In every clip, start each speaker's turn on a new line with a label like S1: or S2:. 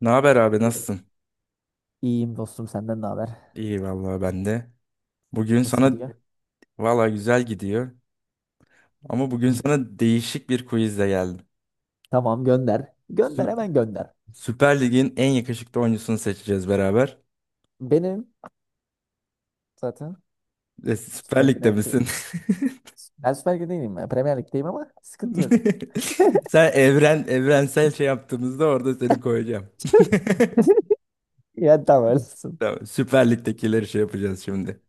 S1: Ne haber abi
S2: Yes.
S1: nasılsın?
S2: İyiyim dostum senden ne haber?
S1: İyi vallahi ben de. Bugün
S2: Nasıl
S1: sana
S2: gidiyor?
S1: vallahi güzel gidiyor. Ama bugün
S2: Hı.
S1: sana değişik bir quizle geldim.
S2: Tamam gönder. Gönder
S1: Sü-
S2: hemen gönder.
S1: Süper Lig'in en yakışıklı oyuncusunu seçeceğiz beraber.
S2: Benim zaten
S1: E, Süper
S2: Süper Lig'den
S1: Lig'de misin?
S2: aktifim. Ben Süper Lig'de değilim ya. Premier Lig'deyim ama sıkıntı yok.
S1: Sen evrensel şey yaptığımızda orada seni koyacağım.
S2: Ya tamam öylesin.
S1: Tamam, Süper Lig'dekileri şey yapacağız şimdi.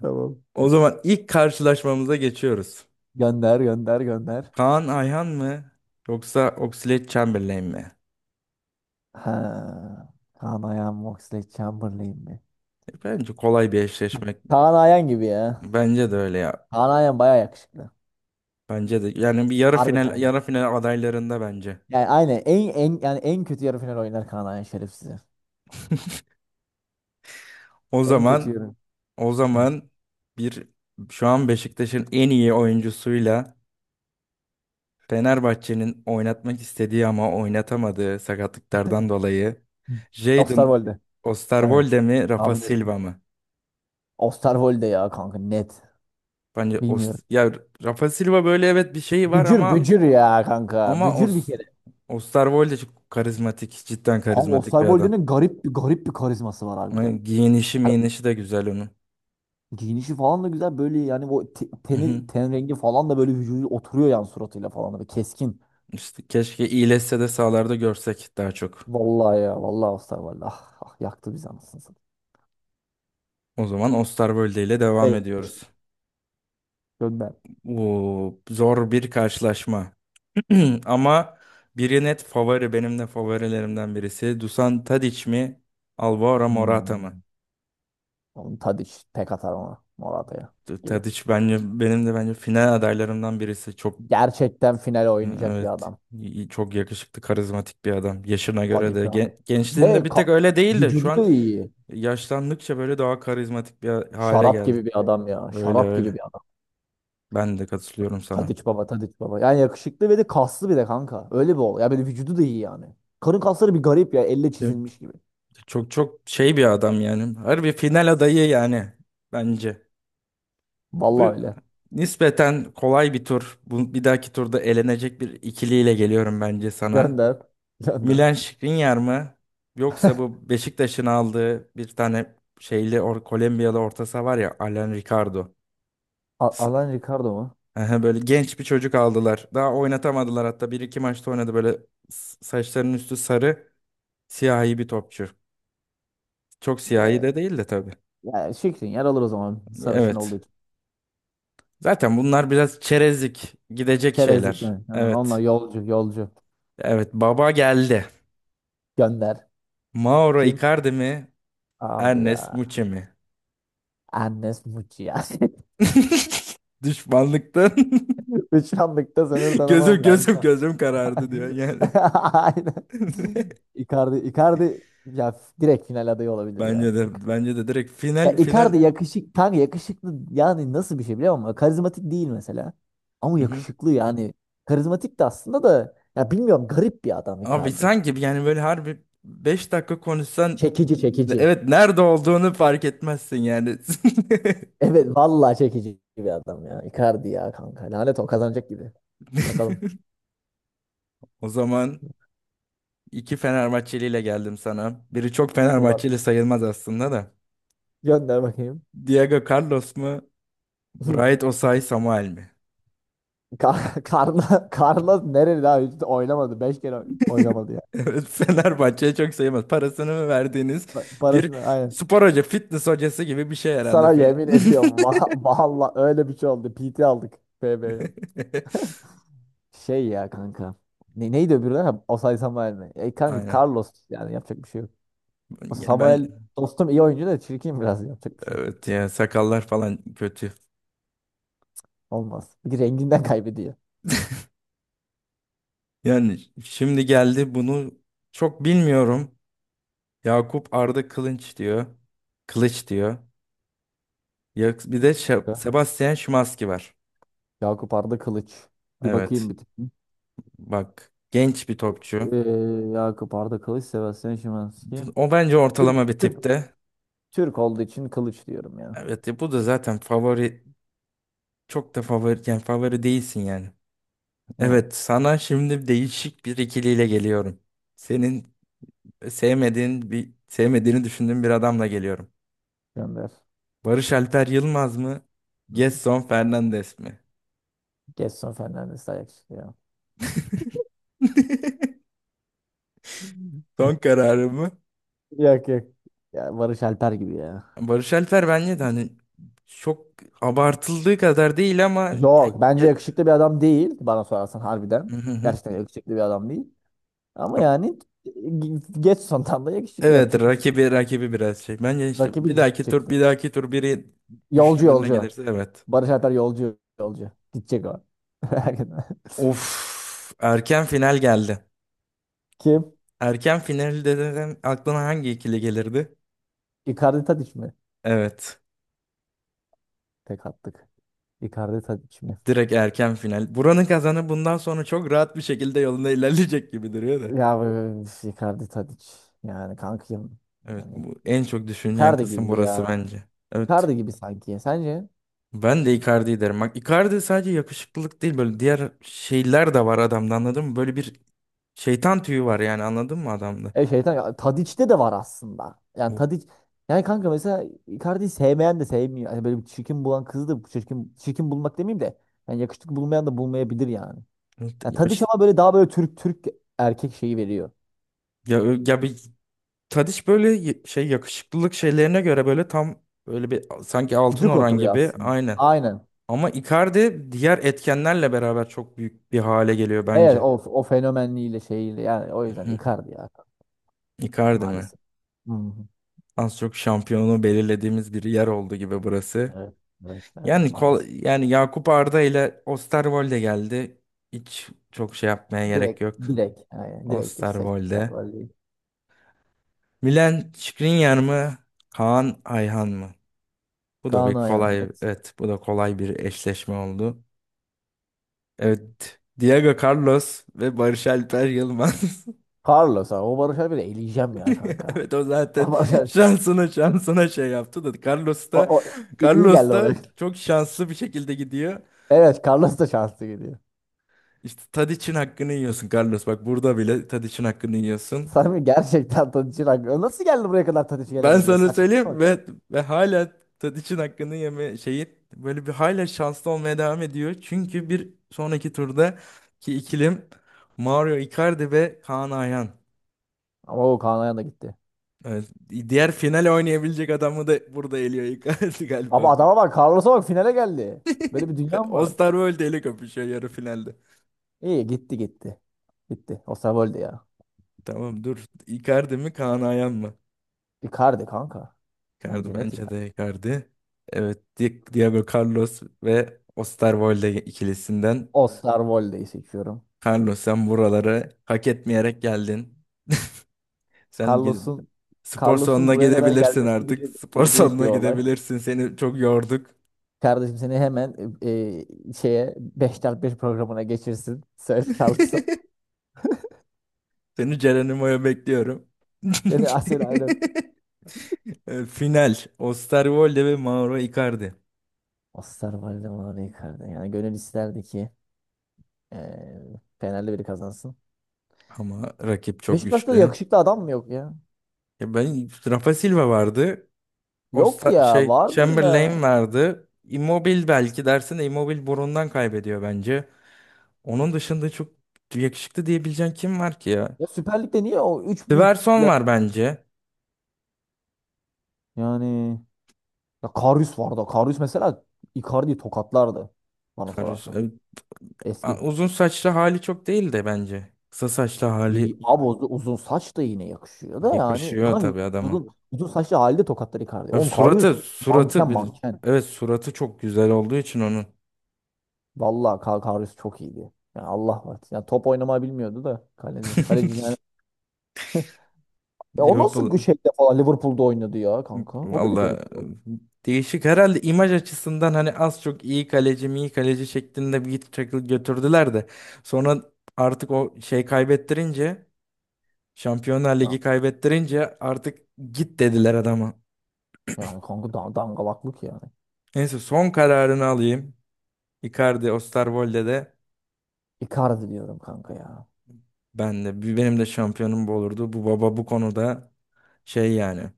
S2: Tamam.
S1: O zaman ilk karşılaşmamıza geçiyoruz.
S2: Gönder gönder gönder.
S1: Kaan Ayhan mı yoksa Oxlade Chamberlain mi?
S2: Ha. Kaan Ayhan Moxley Chamberlain mi?
S1: Bence kolay bir eşleşme.
S2: Kaan Ayhan gibi ya.
S1: Bence de öyle ya.
S2: Kaan Ayhan baya yakışıklı.
S1: Bence de. Yani bir yarı
S2: Harbi Kaan
S1: final
S2: Ayhan.
S1: yarı final adaylarında bence.
S2: Yani aynen yani en kötü yarı final oynar Kaan Ayhan şerefsiz.
S1: O
S2: En kötü
S1: zaman
S2: yarı.
S1: o
S2: Hı.
S1: zaman bir şu an Beşiktaş'ın en iyi oyuncusuyla Fenerbahçe'nin oynatmak istediği ama oynatamadığı sakatlıklardan dolayı
S2: Hı.
S1: Jadon
S2: Osterwolde. Evet.
S1: Osterwolde mi Rafa
S2: Tahmin et.
S1: Silva mı?
S2: Osterwolde ya kanka net.
S1: Bence
S2: Bilmiyorum.
S1: ya Rafa Silva böyle evet bir şey var
S2: Bücür
S1: ama
S2: bücür ya kanka.
S1: ama
S2: Bücür bir
S1: Os
S2: kere.
S1: Osterwolde çok karizmatik, cidden
S2: Kanka
S1: karizmatik bir adam.
S2: Osterwolde'nin garip bir karizması var harbiden.
S1: Yani giyinişi,
S2: Hani
S1: miyinişi de güzel onun.
S2: giyinişi falan da güzel böyle yani o
S1: Hı hı.
S2: teni ten rengi falan da böyle vücudu oturuyor yani suratıyla falan da böyle keskin.
S1: İşte keşke iyileşse de sahalarda görsek daha çok.
S2: Vallahi ya vallahi Osterwolde. Ah, ah yaktı bizi anasını satayım.
S1: O zaman Osterwolde ile devam
S2: Evet.
S1: ediyoruz.
S2: Gönder.
S1: Oo, zor bir karşılaşma. Ama biri net favori. Benim de favorilerimden birisi. Dusan Tadic mi? Alvaro Morata mı?
S2: Hmm. Oğlum Tadic tek atar ona Morata'ya gibi.
S1: Tadic bence benim de bence final adaylarımdan birisi. Çok
S2: Gerçekten finale oynayacak bir
S1: evet,
S2: adam.
S1: çok yakışıklı, karizmatik bir adam. Yaşına göre
S2: Tadic
S1: de
S2: abi.
S1: gen-
S2: Ve
S1: gençliğinde bir tek
S2: ka-
S1: öyle değildi. Şu
S2: Vücudu da
S1: an
S2: iyi.
S1: yaşlandıkça böyle daha karizmatik bir hale
S2: Şarap
S1: geldi.
S2: gibi bir adam ya.
S1: Öyle
S2: Şarap gibi
S1: öyle.
S2: bir adam.
S1: Ben de katılıyorum sana.
S2: Tadiç baba, Tadiç baba. Yani yakışıklı ve de kaslı bir de kanka. Öyle bir ol. Ya böyle vücudu da iyi yani. Karın kasları bir garip ya. Elle
S1: Ya,
S2: çizilmiş gibi.
S1: çok çok şey bir adam yani. Harbi final adayı yani bence.
S2: Vallahi
S1: Bu
S2: öyle.
S1: nispeten kolay bir tur. Bu bir dahaki turda elenecek bir ikiliyle geliyorum bence sana.
S2: Gönder. Gönder.
S1: Milan Skriniar mı? Yoksa bu Beşiktaş'ın aldığı bir tane şeyli or Kolombiyalı orta saha var ya, Alan Ricardo. S-
S2: Alan Ricardo mu?
S1: Aha, böyle genç bir çocuk aldılar. Daha oynatamadılar, hatta bir iki maçta oynadı böyle, saçlarının üstü sarı, siyahi bir topçu. Çok siyahi
S2: Ya,
S1: de değil de tabii.
S2: ya Şikrin yer alır o zaman. Sarışın olduğu
S1: Evet.
S2: için.
S1: Zaten bunlar biraz çerezlik gidecek
S2: Çerezlik
S1: şeyler.
S2: yani. Yani onlar
S1: Evet.
S2: yolcu, yolcu.
S1: Evet, baba geldi.
S2: Gönder.
S1: Mauro
S2: Kim?
S1: Icardi mi?
S2: Abi ya.
S1: Ernest Muçi mi?
S2: Annes Muçi ya.
S1: Düşmanlıktan
S2: Üç anlıkta sınır
S1: gözüm
S2: tanımam
S1: gözüm
S2: kanka.
S1: gözüm karardı diyor yani.
S2: Aynen. Icardi, Icardi ya direkt final adayı olabilir ya.
S1: Bence de bence de direkt final
S2: Ya evet.
S1: final
S2: Icardi kanka yakışıklı yani nasıl bir şey biliyor musun? Karizmatik değil mesela. Ama
S1: Hı hı.
S2: yakışıklı yani. Karizmatik de aslında da ya bilmiyorum garip bir adam
S1: Abi
S2: Icardi.
S1: sanki yani böyle harbi 5 dakika konuşsan,
S2: Çekici çekici.
S1: evet, nerede olduğunu fark etmezsin yani.
S2: Evet vallahi çekici bir adam ya. Icardi ya kanka. Lanet o kazanacak gibi. Bakalım.
S1: O zaman İki Fenerbahçeliyle geldim sana. Biri çok
S2: Ulan.
S1: Fenerbahçeli sayılmaz aslında da.
S2: Gönder bakayım.
S1: Diego Carlos mu? Bright Osay Samuel mi?
S2: Karna nereli abi? Hiç oynamadı. Beş kere oynamadı ya.
S1: Evet, Fenerbahçe'ye çok sayılmaz. Parasını mı verdiğiniz bir
S2: Parasını aynen.
S1: spor hoca, fitness hocası gibi bir şey herhalde.
S2: Sana yemin ediyorum valla öyle bir şey oldu. PT aldık BB'ye. Şey ya kanka. Neydi öbürler? Ha, Osay Samuel mi? E kanka
S1: Aynen.
S2: Carlos yani yapacak bir şey yok. O
S1: Ya ben,
S2: Samuel dostum iyi oyuncu da çirkin biraz yapacak bir şey yok.
S1: evet, ya sakallar falan kötü.
S2: Olmaz. Bir de renginden kaybediyor.
S1: Yani şimdi geldi bunu çok bilmiyorum. Yakup Arda Kılıç diyor. Kılıç diyor. Bir de Şe-
S2: Ha,
S1: Sebastian Szymaski var.
S2: Yakup Arda Kılıç. Bir
S1: Evet.
S2: bakayım bir tık.
S1: Bak, genç bir topçu.
S2: Ee, Yakup Arda Kılıç, Sebastian Szymanski.
S1: O bence ortalama bir tipte.
S2: Türk olduğu için Kılıç diyorum ya.
S1: Evet ya, bu da zaten favori, çok da favori, yani favori değilsin yani.
S2: Yani
S1: Evet, sana şimdi değişik bir ikiliyle geliyorum. Senin sevmediğini düşündüğün bir adamla geliyorum.
S2: gönder.
S1: Barış Alper Yılmaz mı?
S2: Hı.
S1: Gedson Fernandes mi?
S2: Gelson Fernandes Ajax ya.
S1: Son kararı mı?
S2: Yok yok. Ya Barış Alper gibi ya.
S1: Barış Alper bence de hani çok abartıldığı kadar değil ama ya-
S2: Yok bence
S1: ya-
S2: yakışıklı bir adam değil bana sorarsan harbiden.
S1: Hı hı hı.
S2: Gerçekten yakışıklı bir adam değil. Ama yani geç sondan da yakışıklı
S1: Evet,
S2: yapacak bir şey.
S1: rakibi biraz şey. Bence işte bir
S2: Rakibi cırt
S1: dahaki tur bir
S2: çıktı.
S1: dahaki tur biri
S2: Yolcu
S1: güçlü birine
S2: yolcu.
S1: gelirse evet.
S2: Barış Alper yolcu yolcu. Gidecek o. Merak etme.
S1: Of, erken final geldi.
S2: Kim?
S1: Erken final dediğin aklına hangi ikili gelirdi?
S2: Icardi Tadic mi?
S1: Evet.
S2: Tek attık. Icardi Tadic mi?
S1: Direkt erken final. Buranın kazanı bundan sonra çok rahat bir şekilde yolunda ilerleyecek gibi duruyor da.
S2: Ya üf, Icardi Tadic. Yani kankayım.
S1: Evet,
S2: Yani
S1: bu en çok düşünülen
S2: Icardi
S1: kısım
S2: gibi
S1: burası
S2: ya.
S1: bence. Evet.
S2: Icardi gibi sanki. Sence?
S1: Ben de Icardi'yi derim. Bak, Icardi sadece yakışıklılık değil, böyle diğer şeyler de var adamda, anladın mı? Böyle bir şeytan tüyü var yani, anladın mı adamda?
S2: E şeytan ya, Tadiç'te de var aslında. Yani Tadiç yani kanka mesela Icardi'yi sevmeyen de sevmiyor. Hani böyle bir çirkin bulan kızı da çirkin çirkin bulmak demeyeyim de yani yakışıklı bulmayan da bulmayabilir yani.
S1: Evet,
S2: Ya
S1: ya,
S2: Tadiç ama böyle daha böyle Türk Türk erkek şeyi veriyor.
S1: ya, ya bir Tadiç böyle, şey, yakışıklılık şeylerine göre böyle tam, böyle bir sanki altın
S2: Cuk
S1: oran
S2: oturuyor
S1: gibi,
S2: aslında.
S1: aynen.
S2: Aynen.
S1: Ama Icardi diğer etkenlerle beraber çok büyük bir hale geliyor
S2: Evet
S1: bence.
S2: o fenomenliğiyle şeyiyle yani o yüzden
S1: Hı hı.
S2: Icardi ya
S1: Icardi mi?
S2: maalesef. Hı hı.
S1: Az çok şampiyonu belirlediğimiz bir yer oldu gibi burası.
S2: Evet, evet, evet
S1: Yani
S2: maalesef.
S1: Yakup Arda ile Osterwolde geldi. Hiç çok şey yapmaya gerek
S2: Direkt
S1: yok.
S2: direkt yani direkt geçecekler
S1: Osterwolde.
S2: böyle.
S1: Milan Skriniar mı? Kaan Ayhan mı? Bu da
S2: Kaan
S1: bir
S2: Ayhan
S1: kolay,
S2: net.
S1: evet, bu da kolay bir eşleşme oldu. Evet, Diego Carlos ve Barış Alper Yılmaz.
S2: Carlos abi. O Barış Alper'i eleyeceğim ya kanka.
S1: Evet, o
S2: O
S1: zaten
S2: Barış Alper.
S1: şansına şey yaptı da, Carlos
S2: O,
S1: da
S2: o, iyi, iyi
S1: Carlos
S2: geldi
S1: da
S2: oraya.
S1: çok şanslı bir şekilde gidiyor.
S2: Evet Carlos da şanslı gidiyor.
S1: İşte Tadic'in hakkını yiyorsun Carlos. Bak, burada bile Tadic'in hakkını yiyorsun.
S2: Sami gerçekten Tadiç'in hakkı. Nasıl geldi buraya kadar Tadiç
S1: Ben
S2: gelemedi ya?
S1: sana
S2: Saçma
S1: söyleyeyim
S2: bak.
S1: ve hala Tadiç'in hakkını yeme şeyi böyle bir, hala şanslı olmaya devam ediyor. Çünkü bir sonraki turda ki ikilim Mario Icardi ve Kaan Ayhan.
S2: Ama o Kaan Ayhan da gitti.
S1: Evet, diğer final oynayabilecek adamı da burada eliyor Icardi
S2: Ama
S1: galiba.
S2: adama bak Carlos'a bak finale geldi. Böyle bir dünya mı var?
S1: Osterwolde ile kapışıyor yarı finalde.
S2: İyi gitti gitti. Gitti. Osterwolde ya.
S1: Tamam, dur. Icardi mi Kaan Ayhan mı?
S2: Icardi kanka. Bence
S1: Icardi,
S2: net
S1: bence
S2: Icardi.
S1: de Icardi. Evet, Diego Carlos ve Osterwolde ikilisinden
S2: Osterwolde'yi seçiyorum.
S1: Carlos, sen buraları hak etmeyerek geldin. Sen
S2: Carlos'un
S1: spor
S2: Carlos'un
S1: salonuna
S2: buraya kadar
S1: gidebilirsin
S2: gelmesi
S1: artık. Spor
S2: büyük bir
S1: salonuna
S2: olay.
S1: gidebilirsin. Seni çok yorduk.
S2: Kardeşim seni hemen şeye 5x5 programına geçirsin. Söyle kalırsa.
S1: Seni Geronimo'ya bekliyorum.
S2: Seni Asel aynen.
S1: Final. Osterwolde ve Mauro Icardi.
S2: Aslar valide var Icardi. Yani gönül isterdi ki Fenerli biri kazansın.
S1: Ama rakip çok
S2: Beşiktaş'ta da
S1: güçlü.
S2: yakışıklı adam mı yok ya?
S1: Ya, ben, Rafa Silva vardı.
S2: Yok ya
S1: Şey,
S2: vardır
S1: Chamberlain
S2: ya.
S1: vardı. Immobile belki dersin de Immobile burundan kaybediyor bence. Onun dışında çok yakışıklı diyebileceğin kim var ki ya?
S2: Ya Süper Lig'de niye o üç
S1: Svensson
S2: büyükle
S1: var bence.
S2: yani ya Karius vardı. Karius mesela Icardi'yi tokatlardı bana
S1: Karius.
S2: sorarsan. Eski.
S1: Uzun saçlı hali çok değil de bence. Kısa saçlı hali
S2: İyi, abi uzun saç da yine yakışıyor da yani.
S1: yakışıyor
S2: Kanka
S1: tabii adama.
S2: uzun, uzun saçlı halde tokatlar Icardi.
S1: Abi,
S2: Oğlum
S1: suratı
S2: Karius
S1: suratı
S2: manken
S1: bir,
S2: manken.
S1: evet, suratı çok güzel olduğu için onun.
S2: Vallahi Karius çok iyiydi. Yani Allah var. Yani top oynamayı bilmiyordu da kaleci. Kaleci yani. Ya o nasıl
S1: Liverpool
S2: şeyde falan Liverpool'da oynadı ya kanka. O da bir
S1: valla
S2: garip bir olay.
S1: değişik herhalde imaj açısından, hani az çok iyi kaleci mi iyi kaleci şeklinde bir git çakıl götürdüler de, sonra artık o şey kaybettirince, Şampiyonlar
S2: Ha,
S1: Ligi kaybettirince, artık git dediler adama.
S2: yani kanka da dangalaklık yani.
S1: Neyse, son kararını alayım. Icardi, Osterwolde de,
S2: Icardi diyorum kanka ya.
S1: ben de. Benim de şampiyonum bu olurdu. Bu baba bu konuda şey yani.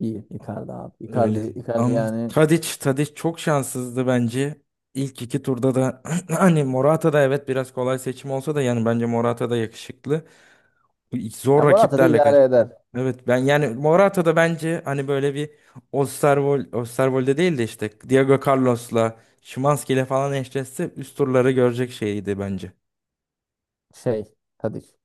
S2: İyi Icardi abi.
S1: Öyle.
S2: Icardi, Icardi
S1: Ama
S2: yani.
S1: Tadic, Tadic çok şanssızdı bence. İlk iki turda da hani Morata da, evet biraz kolay seçim olsa da, yani bence Morata da yakışıklı. Bu ilk zor
S2: Ya Morata da
S1: rakiplerle
S2: idare
S1: kar.
S2: eder.
S1: Evet, ben yani Morata da bence hani böyle bir Osterwold'de değil de işte Diego Carlos'la, Szymański'yle falan eşleşse üst turları görecek şeydi bence.
S2: Şey. Tadic.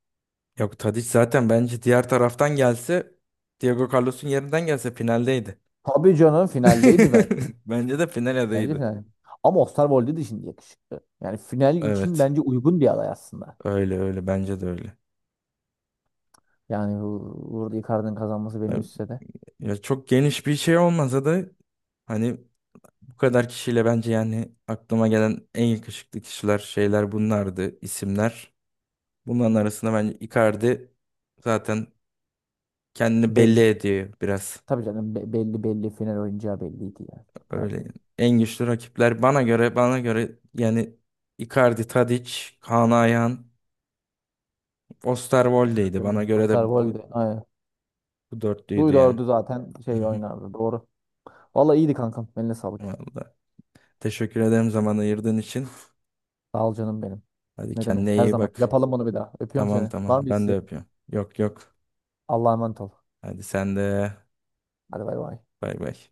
S1: Yok, Tadic zaten bence diğer taraftan gelse, Diego Carlos'un yerinden gelse, finaldeydi.
S2: Tabii canım finaldeydi ben.
S1: Bence de final
S2: Bence
S1: adayıydı.
S2: final. Ama Osterwolde de şimdi yakışıklı. Yani final için
S1: Evet.
S2: bence uygun bir aday aslında.
S1: Öyle öyle, bence de öyle.
S2: Yani Uğur Icardi'nin kazanması beni
S1: Ya
S2: üzse de.
S1: ya, çok geniş bir şey olmasa da hani, bu kadar kişiyle bence, yani aklıma gelen en yakışıklı kişiler, şeyler bunlardı, isimler. Bunların arasında bence Icardi zaten kendini belli
S2: Belli,
S1: ediyor biraz.
S2: tabii canım belli belli final oyuncağı belliydi ya.
S1: Öyle,
S2: Icardi'nin.
S1: en güçlü rakipler bana göre, yani Icardi, Tadic, Kaan Ayhan, Osterwold'deydi. Bana
S2: Zaten
S1: göre de bu,
S2: Osterwolde. Aynen.
S1: bu
S2: Bu
S1: dörtlüydü yani.
S2: orada zaten
S1: Hı
S2: şey
S1: hı.
S2: oynardı. Doğru. Vallahi iyiydi kankam. Eline sağlık.
S1: Vallahi. Teşekkür ederim zaman ayırdığın için.
S2: Sağ ol canım benim.
S1: Hadi,
S2: Ne demek?
S1: kendine
S2: Her
S1: iyi
S2: zaman.
S1: bak.
S2: Yapalım bunu bir daha. Öpüyorum
S1: Tamam
S2: seni.
S1: tamam.
S2: Var mı
S1: Ben de
S2: isteğin?
S1: öpüyorum. Yok yok.
S2: Allah'a emanet ol.
S1: Hadi sen de.
S2: Hadi bay bay.
S1: Bay bay.